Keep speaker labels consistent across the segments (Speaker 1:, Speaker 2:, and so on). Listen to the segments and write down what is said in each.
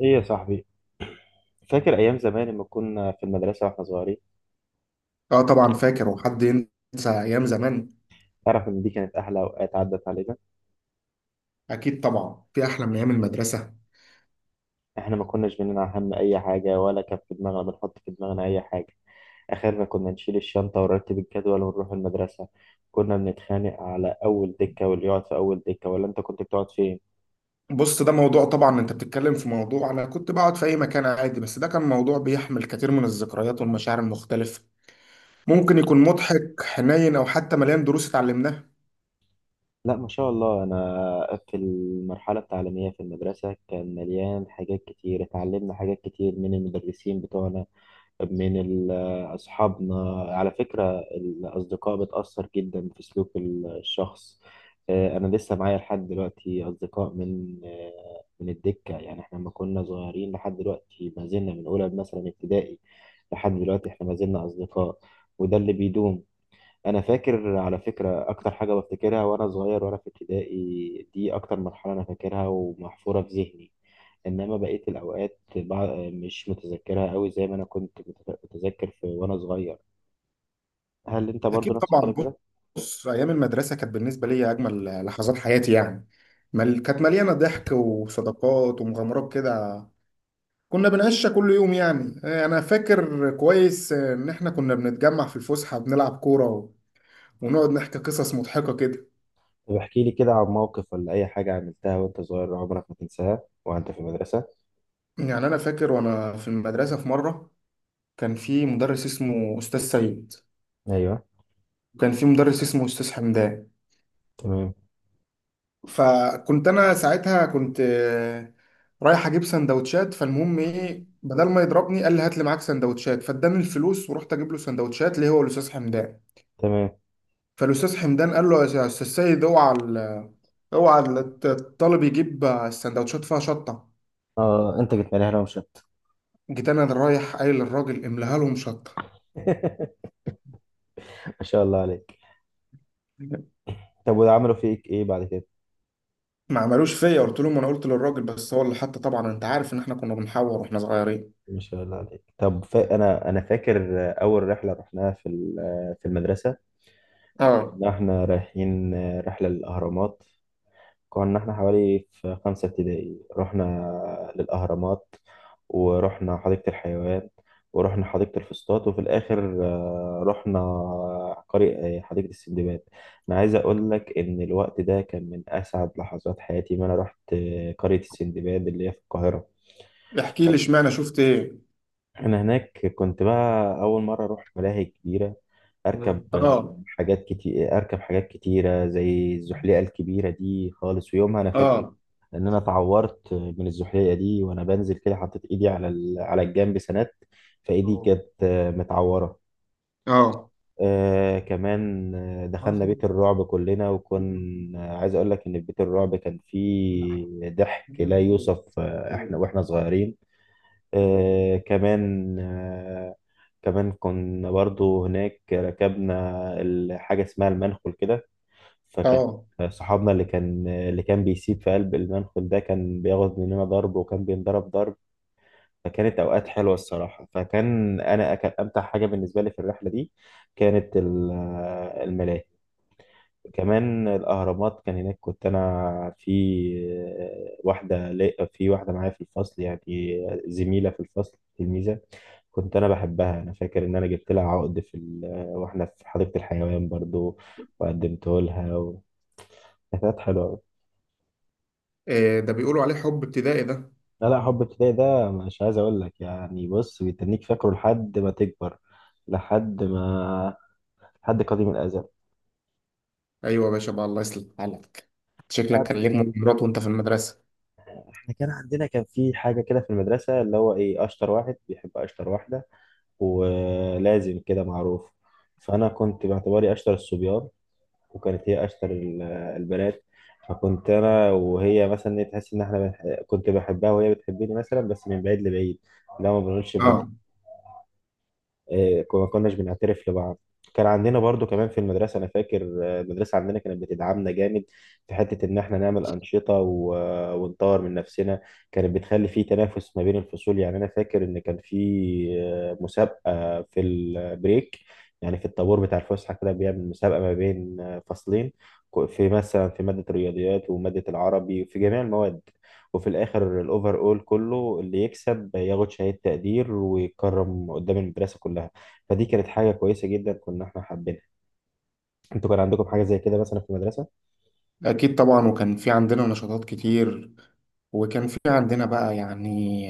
Speaker 1: ايه يا صاحبي، فاكر ايام زمان لما كنا في المدرسه واحنا صغيرين؟
Speaker 2: اه طبعا فاكر، وحد ينسى ايام زمان؟
Speaker 1: تعرف ان دي كانت احلى اوقات عدت علينا؟
Speaker 2: اكيد طبعا، في احلى من ايام المدرسه؟
Speaker 1: احنا ما كناش بننا هم اي حاجه، ولا كان في دماغنا بنحط في دماغنا اي حاجه. اخرنا كنا نشيل الشنطه ونرتب الجدول ونروح المدرسه. كنا بنتخانق على اول دكه واللي يقعد في اول دكه، ولا انت كنت بتقعد فين؟
Speaker 2: بص ده موضوع، طبعا انت بتتكلم في موضوع، انا كنت بقعد في اي مكان عادي، بس ده كان موضوع بيحمل كتير من الذكريات والمشاعر المختلفه. ممكن يكون مضحك، حنين، او حتى مليان دروس اتعلمناها.
Speaker 1: لا، ما شاء الله، انا في المرحله التعليميه في المدرسه كان مليان حاجات كتير، اتعلمنا حاجات كتير من المدرسين بتوعنا. من ال- أصحابنا، على فكرة الأصدقاء بتأثر جدا في سلوك الشخص. أنا لسه معايا لحد دلوقتي أصدقاء من من الدكة، يعني إحنا لما كنا صغيرين لحد دلوقتي ما زلنا من أولى مثلا ابتدائي. لحد دلوقتي إحنا ما زلنا أصدقاء، وده اللي بيدوم. انا فاكر على فكره اكتر حاجه بفتكرها وانا صغير وانا في ابتدائي دي اكتر مرحله انا فاكرها ومحفوره في ذهني. انما بقيه الاوقات مش متذكرها قوي، زي ما انا كنت متذكر في وانا صغير. هل انت برضو
Speaker 2: اكيد
Speaker 1: نفس الكلام
Speaker 2: طبعا.
Speaker 1: كده؟
Speaker 2: بص، ايام المدرسه كانت بالنسبه لي اجمل لحظات حياتي يعني. كانت مليانه ضحك وصداقات ومغامرات كده. كنا بنقشع كل يوم يعني. انا فاكر كويس ان احنا كنا بنتجمع في الفسحه بنلعب ونقعد نحكي قصص مضحكه كده.
Speaker 1: طب احكي لي كده عن موقف ولا اي حاجه عملتها وانت صغير عمرك ما تنساها وانت في المدرسه.
Speaker 2: يعني انا فاكر وانا في المدرسه في مره كان في مدرس اسمه استاذ سيد،
Speaker 1: ايوه.
Speaker 2: وكان في مدرس اسمه استاذ حمدان.
Speaker 1: تمام،
Speaker 2: فكنت انا ساعتها كنت رايح اجيب سندوتشات، فالمهم ايه، بدل ما يضربني قال لي هات لي معاك سندوتشات، فاداني الفلوس ورحت اجيب له سندوتشات، ليه؟ هو الاستاذ حمدان.
Speaker 1: تمام.
Speaker 2: فالاستاذ حمدان قال له يا استاذ سيد، اوعى الطالب يجيب السندوتشات فيها شطه.
Speaker 1: اه، انت جيت لي هنا ومش أنت.
Speaker 2: جيت انا رايح قايل للراجل املاها لهم شطه.
Speaker 1: ما شاء الله عليك. طب وعملوا فيك ايه بعد كده؟
Speaker 2: ما عملوش فيا، قلت لهم انا قلت للراجل، بس هو اللي حتى، طبعا انت عارف ان احنا كنا بنحور واحنا صغيرين.
Speaker 1: ما شاء الله عليك. طب انا فاكر اول رحله رحناها في المدرسه.
Speaker 2: اه.
Speaker 1: كنا احنا رايحين رحله للاهرامات. كنا احنا حوالي في خمسه ابتدائي، رحنا للاهرامات، ورحنا حديقه الحيوان، ورحنا حديقه الفسطاط، وفي الاخر رحنا قرية حديقه السندباد. انا عايز اقول لك ان الوقت ده كان من اسعد لحظات حياتي ما انا رحت قريه السندباد اللي هي في القاهره.
Speaker 2: احكي لي، اشمعنى شفت ايه؟
Speaker 1: انا هناك كنت بقى اول مره اروح ملاهي كبيره، اركب
Speaker 2: اه.
Speaker 1: حاجات كتير، اركب حاجات كتيره زي الزحليقه الكبيره دي خالص، ويومها انا فاكر
Speaker 2: اه.
Speaker 1: ان انا اتعورت من الزحليقه دي وانا بنزل كده، حطيت ايدي على الجنب سند، فايدي كانت متعوره.
Speaker 2: اه.
Speaker 1: كمان دخلنا بيت الرعب كلنا، وكنا عايز اقول لك ان في بيت الرعب كان فيه ضحك لا يوصف، احنا واحنا صغيرين. كمان كمان كنا برضو هناك ركبنا حاجة اسمها المنخل كده. فكان
Speaker 2: اه.
Speaker 1: صحابنا اللي كان بيسيب في قلب المنخل ده كان بياخد مننا ضرب، وكان بينضرب ضرب. فكانت أوقات حلوة الصراحة، فكان أنا كان أمتع حاجة بالنسبة لي في الرحلة دي كانت الملاهي. كمان الأهرامات، كان هناك كنت أنا في في واحدة معايا في الفصل، يعني زميلة في الفصل، تلميذة. كنت انا بحبها، انا فاكر ان انا جبت لها عقد واحنا في حديقة الحيوان برضو، وقدمته لها كانت حلوة أوي.
Speaker 2: إيه ده، بيقولوا عليه حب ابتدائي ده؟
Speaker 1: لا، لا، حب ابتدائي ده مش عايز اقول لك، يعني بص، بيتنيك فاكره لحد ما تكبر، لحد ما، لحد قديم الازل.
Speaker 2: ايوه يا باشا بقى، الله يصلح حالك. شكلك
Speaker 1: بعد-
Speaker 2: كان ليك مغامرات وانت في المدرسه.
Speaker 1: احنا كان عندنا، كان في حاجة كده في المدرسة، اللي هو ايه، اشطر واحد بيحب اشطر واحدة، ولازم كده معروف. فانا كنت باعتباري اشطر الصبيان، وكانت هي اشطر البنات. فكنت انا وهي مثلا تحس ان احنا كنت بحبها وهي بتحبني، مثلا بس من بعيد لبعيد. لا، ما بنقولش
Speaker 2: اه
Speaker 1: لبعض. ما كناش بنعترف لبعض. كان عندنا برضو كمان في المدرسة، أنا فاكر المدرسة عندنا كانت بتدعمنا جامد في حتة إن إحنا نعمل أنشطة ونطور من نفسنا. كانت بتخلي في تنافس ما بين الفصول، يعني أنا فاكر إن كان في مسابقة في البريك، يعني في الطابور بتاع الفسحة كده بيعمل مسابقة ما بين فصلين. في مثلا في مادة الرياضيات ومادة العربي، في جميع المواد. وفي الاخر الاوفر اول كله، اللي يكسب ياخد شهادة تقدير ويتكرم قدام المدرسة كلها. فدي كانت حاجة كويسة جدا كنا احنا حابينها. انتوا كان عندكم حاجة زي كده مثلا في المدرسة؟
Speaker 2: اكيد طبعا، وكان في عندنا نشاطات كتير، وكان في عندنا بقى يعني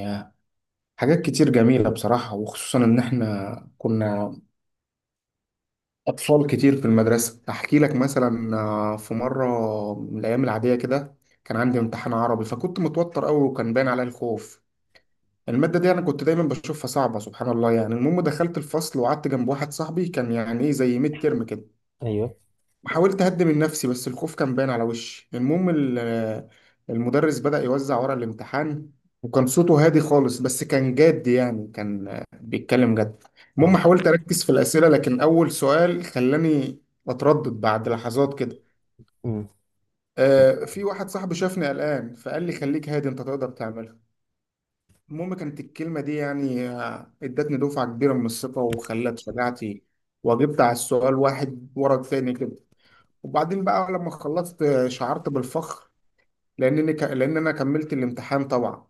Speaker 2: حاجات كتير جميله بصراحه، وخصوصا ان احنا كنا اطفال كتير في المدرسه. احكي لك مثلا، في مره من الايام العاديه كده كان عندي امتحان عربي، فكنت متوتر قوي وكان باين عليا الخوف. المادة دي أنا كنت دايما بشوفها صعبة، سبحان الله. يعني المهم دخلت الفصل وقعدت جنب واحد صاحبي، كان يعني إيه، زي ميد ترم كده.
Speaker 1: ايوه.
Speaker 2: حاولت اهدي من نفسي بس الخوف كان باين على وشي. المهم المدرس بدأ يوزع ورق الامتحان، وكان صوته هادي خالص، بس كان جاد يعني، كان بيتكلم جد.
Speaker 1: اه.
Speaker 2: المهم حاولت اركز في الأسئلة، لكن اول سؤال خلاني اتردد. بعد لحظات كده
Speaker 1: مم.
Speaker 2: في واحد صاحبي شافني قلقان، فقال لي خليك هادي، انت تقدر تعملها. المهم كانت الكلمة دي يعني ادتني دفعة كبيرة من الثقة وخلت شجاعتي، واجبت على السؤال واحد ورا التاني كده. وبعدين بقى لما خلصت شعرت بالفخر لانني لان انا كملت الامتحان طبعا.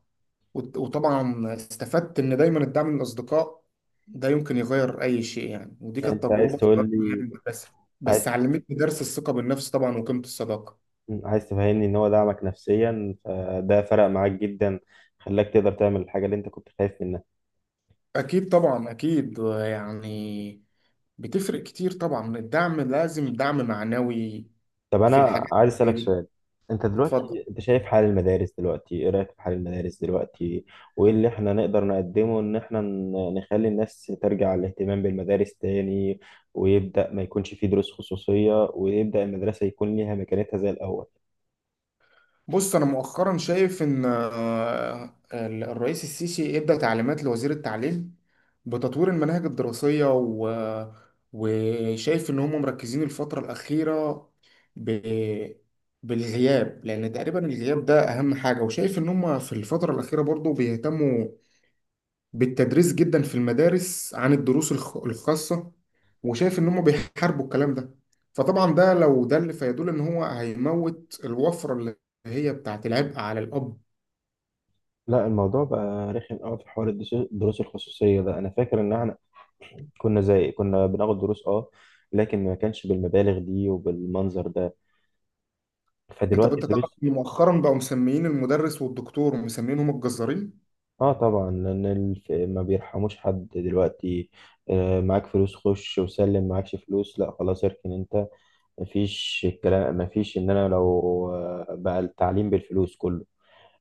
Speaker 2: وطبعا استفدت ان دايما الدعم من الاصدقاء ده يمكن يغير اي شيء يعني. ودي كانت
Speaker 1: انت عايز
Speaker 2: تجربه
Speaker 1: تقول
Speaker 2: صغيره من
Speaker 1: لي؟
Speaker 2: المدرسه،
Speaker 1: عايز
Speaker 2: بس علمتني درس الثقه بالنفس طبعا وقيمه الصداقه.
Speaker 1: عايز تفهمني ان هو دعمك نفسيا فده فرق معاك جدا، خلاك تقدر تعمل الحاجة اللي انت كنت خايف منها.
Speaker 2: اكيد طبعا، اكيد يعني، بتفرق كتير طبعا. الدعم لازم، دعم معنوي
Speaker 1: طب
Speaker 2: في
Speaker 1: انا
Speaker 2: الحاجات
Speaker 1: عايز
Speaker 2: اللي زي
Speaker 1: اسالك
Speaker 2: دي.
Speaker 1: سؤال. انت
Speaker 2: اتفضل.
Speaker 1: دلوقتي انت شايف حال المدارس دلوقتي، ايه رايك في حال المدارس دلوقتي؟ وايه اللي احنا نقدر نقدمه ان احنا نخلي الناس ترجع الاهتمام بالمدارس تاني، ويبدا ما يكونش فيه دروس خصوصيه، ويبدا المدرسه يكون ليها مكانتها زي الاول.
Speaker 2: بص، انا مؤخرا شايف ان الرئيس السيسي ادى تعليمات لوزير التعليم بتطوير المناهج الدراسيه وشايف ان هم مركزين الفتره الاخيره ب... بالغياب، لان تقريبا الغياب ده اهم حاجه. وشايف ان هم في الفتره الاخيره برضو بيهتموا بالتدريس جدا في المدارس عن الدروس الخاصة، وشايف ان هم بيحاربوا الكلام ده. فطبعا ده لو دل فيدل ان هو هيموت الوفرة اللي هي بتاعت العبء على الاب.
Speaker 1: لا، الموضوع بقى رخم قوي في حوار الدروس الخصوصيه ده. انا فاكر ان احنا كنا زي كنا بناخد دروس، اه، لكن ما كانش بالمبالغ دي وبالمنظر ده.
Speaker 2: انت
Speaker 1: فدلوقتي
Speaker 2: انت تعرف
Speaker 1: الدروس
Speaker 2: ان مؤخرا بقوا مسميين المدرس والدكتور ومسمينهم الجزارين.
Speaker 1: اه، طبعا لان ما بيرحموش حد دلوقتي. معاك فلوس خش وسلم، معاكش فلوس لا خلاص اركن انت. مفيش الكلام، مفيش ان انا لو بقى التعليم بالفلوس كله.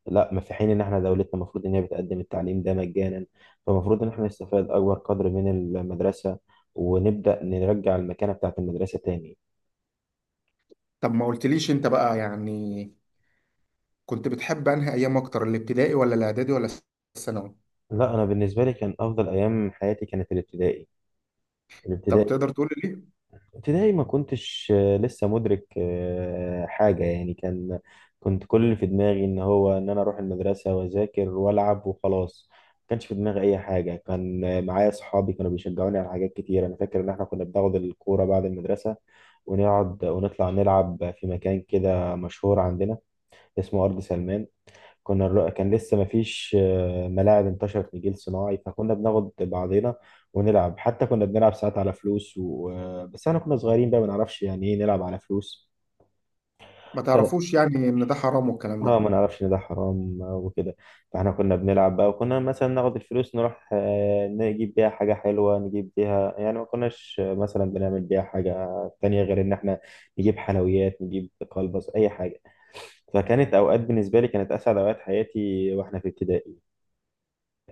Speaker 1: لا، ما في، حين ان احنا دولتنا المفروض ان هي بتقدم التعليم ده مجانا، فالمفروض ان احنا نستفاد اكبر قدر من المدرسة، ونبدأ نرجع المكانة بتاعت المدرسة تاني.
Speaker 2: طب ما قلتليش انت بقى، يعني كنت بتحب انهي ايام اكتر، الابتدائي ولا الاعدادي ولا الثانوي؟
Speaker 1: لا، انا بالنسبة لي كان افضل ايام حياتي كانت الابتدائي
Speaker 2: طب
Speaker 1: الابتدائي
Speaker 2: تقدر تقول لي ليه؟
Speaker 1: ابتدائي ما كنتش لسه مدرك حاجة يعني، كان كنت كل اللي في دماغي ان هو ان انا اروح المدرسة واذاكر والعب وخلاص، ما كانش في دماغي اي حاجة. كان معايا صحابي كانوا بيشجعوني على حاجات كتير. انا فاكر ان احنا كنا بناخد الكورة بعد المدرسة، ونقعد ونطلع نلعب في مكان كده مشهور عندنا اسمه أرض سلمان. كان لسه مفيش ملاعب انتشرت لجيل صناعي، فكنا بناخد بعضينا ونلعب. حتى كنا بنلعب ساعات على فلوس بس احنا كنا صغيرين بقى ما نعرفش يعني ايه نلعب على فلوس.
Speaker 2: ما
Speaker 1: اه،
Speaker 2: تعرفوش يعني ان ده حرام والكلام ده؟
Speaker 1: ما نعرفش ان ده حرام، وكده. فاحنا كنا بنلعب بقى، وكنا مثلا ناخد الفلوس نروح نجيب بيها حاجة حلوة، نجيب بيها يعني ما كناش مثلا بنعمل بيها حاجة تانية غير ان احنا نجيب حلويات، نجيب كلبس، اي حاجة. فكانت اوقات بالنسبة لي كانت اسعد اوقات حياتي واحنا في ابتدائي.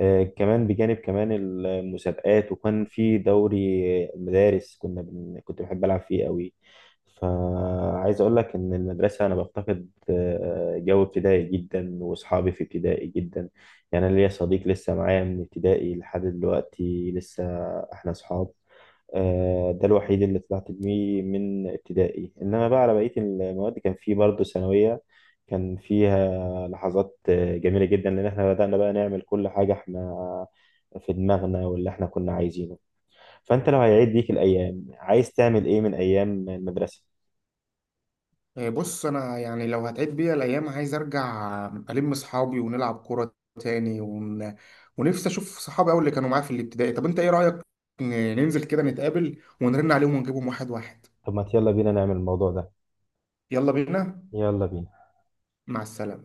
Speaker 1: كمان بجانب كمان المسابقات، وكان في دوري مدارس، كنت بحب ألعب فيه قوي. فعايز أقول لك إن المدرسة أنا بفتقد جو ابتدائي جدا، وأصحابي في ابتدائي جدا. يعني أنا ليا صديق لسه معايا من ابتدائي لحد دلوقتي، لسه إحنا أصحاب. ده الوحيد اللي طلعت بيه من ابتدائي، إنما بقى على بقية المواد كان في برضه ثانوية. كان في لحظات جميلة جدا، لأن احنا بدأنا بقى نعمل كل حاجة احنا في دماغنا واللي احنا كنا عايزينه. فأنت لو هيعيد بيك الأيام عايز تعمل إيه من أيام المدرسة؟
Speaker 2: إيه، بص انا يعني لو هتعيد بيا الايام عايز ارجع الم اصحابي ونلعب كوره تاني، ونفسي اشوف صحابي اول اللي كانوا معايا في الابتدائي. طب انت ايه رايك، ننزل كده نتقابل ونرن عليهم ونجيبهم واحد واحد؟
Speaker 1: طب ما يلا بينا نعمل الموضوع ده.
Speaker 2: يلا بينا.
Speaker 1: يلا بينا.
Speaker 2: مع السلامه.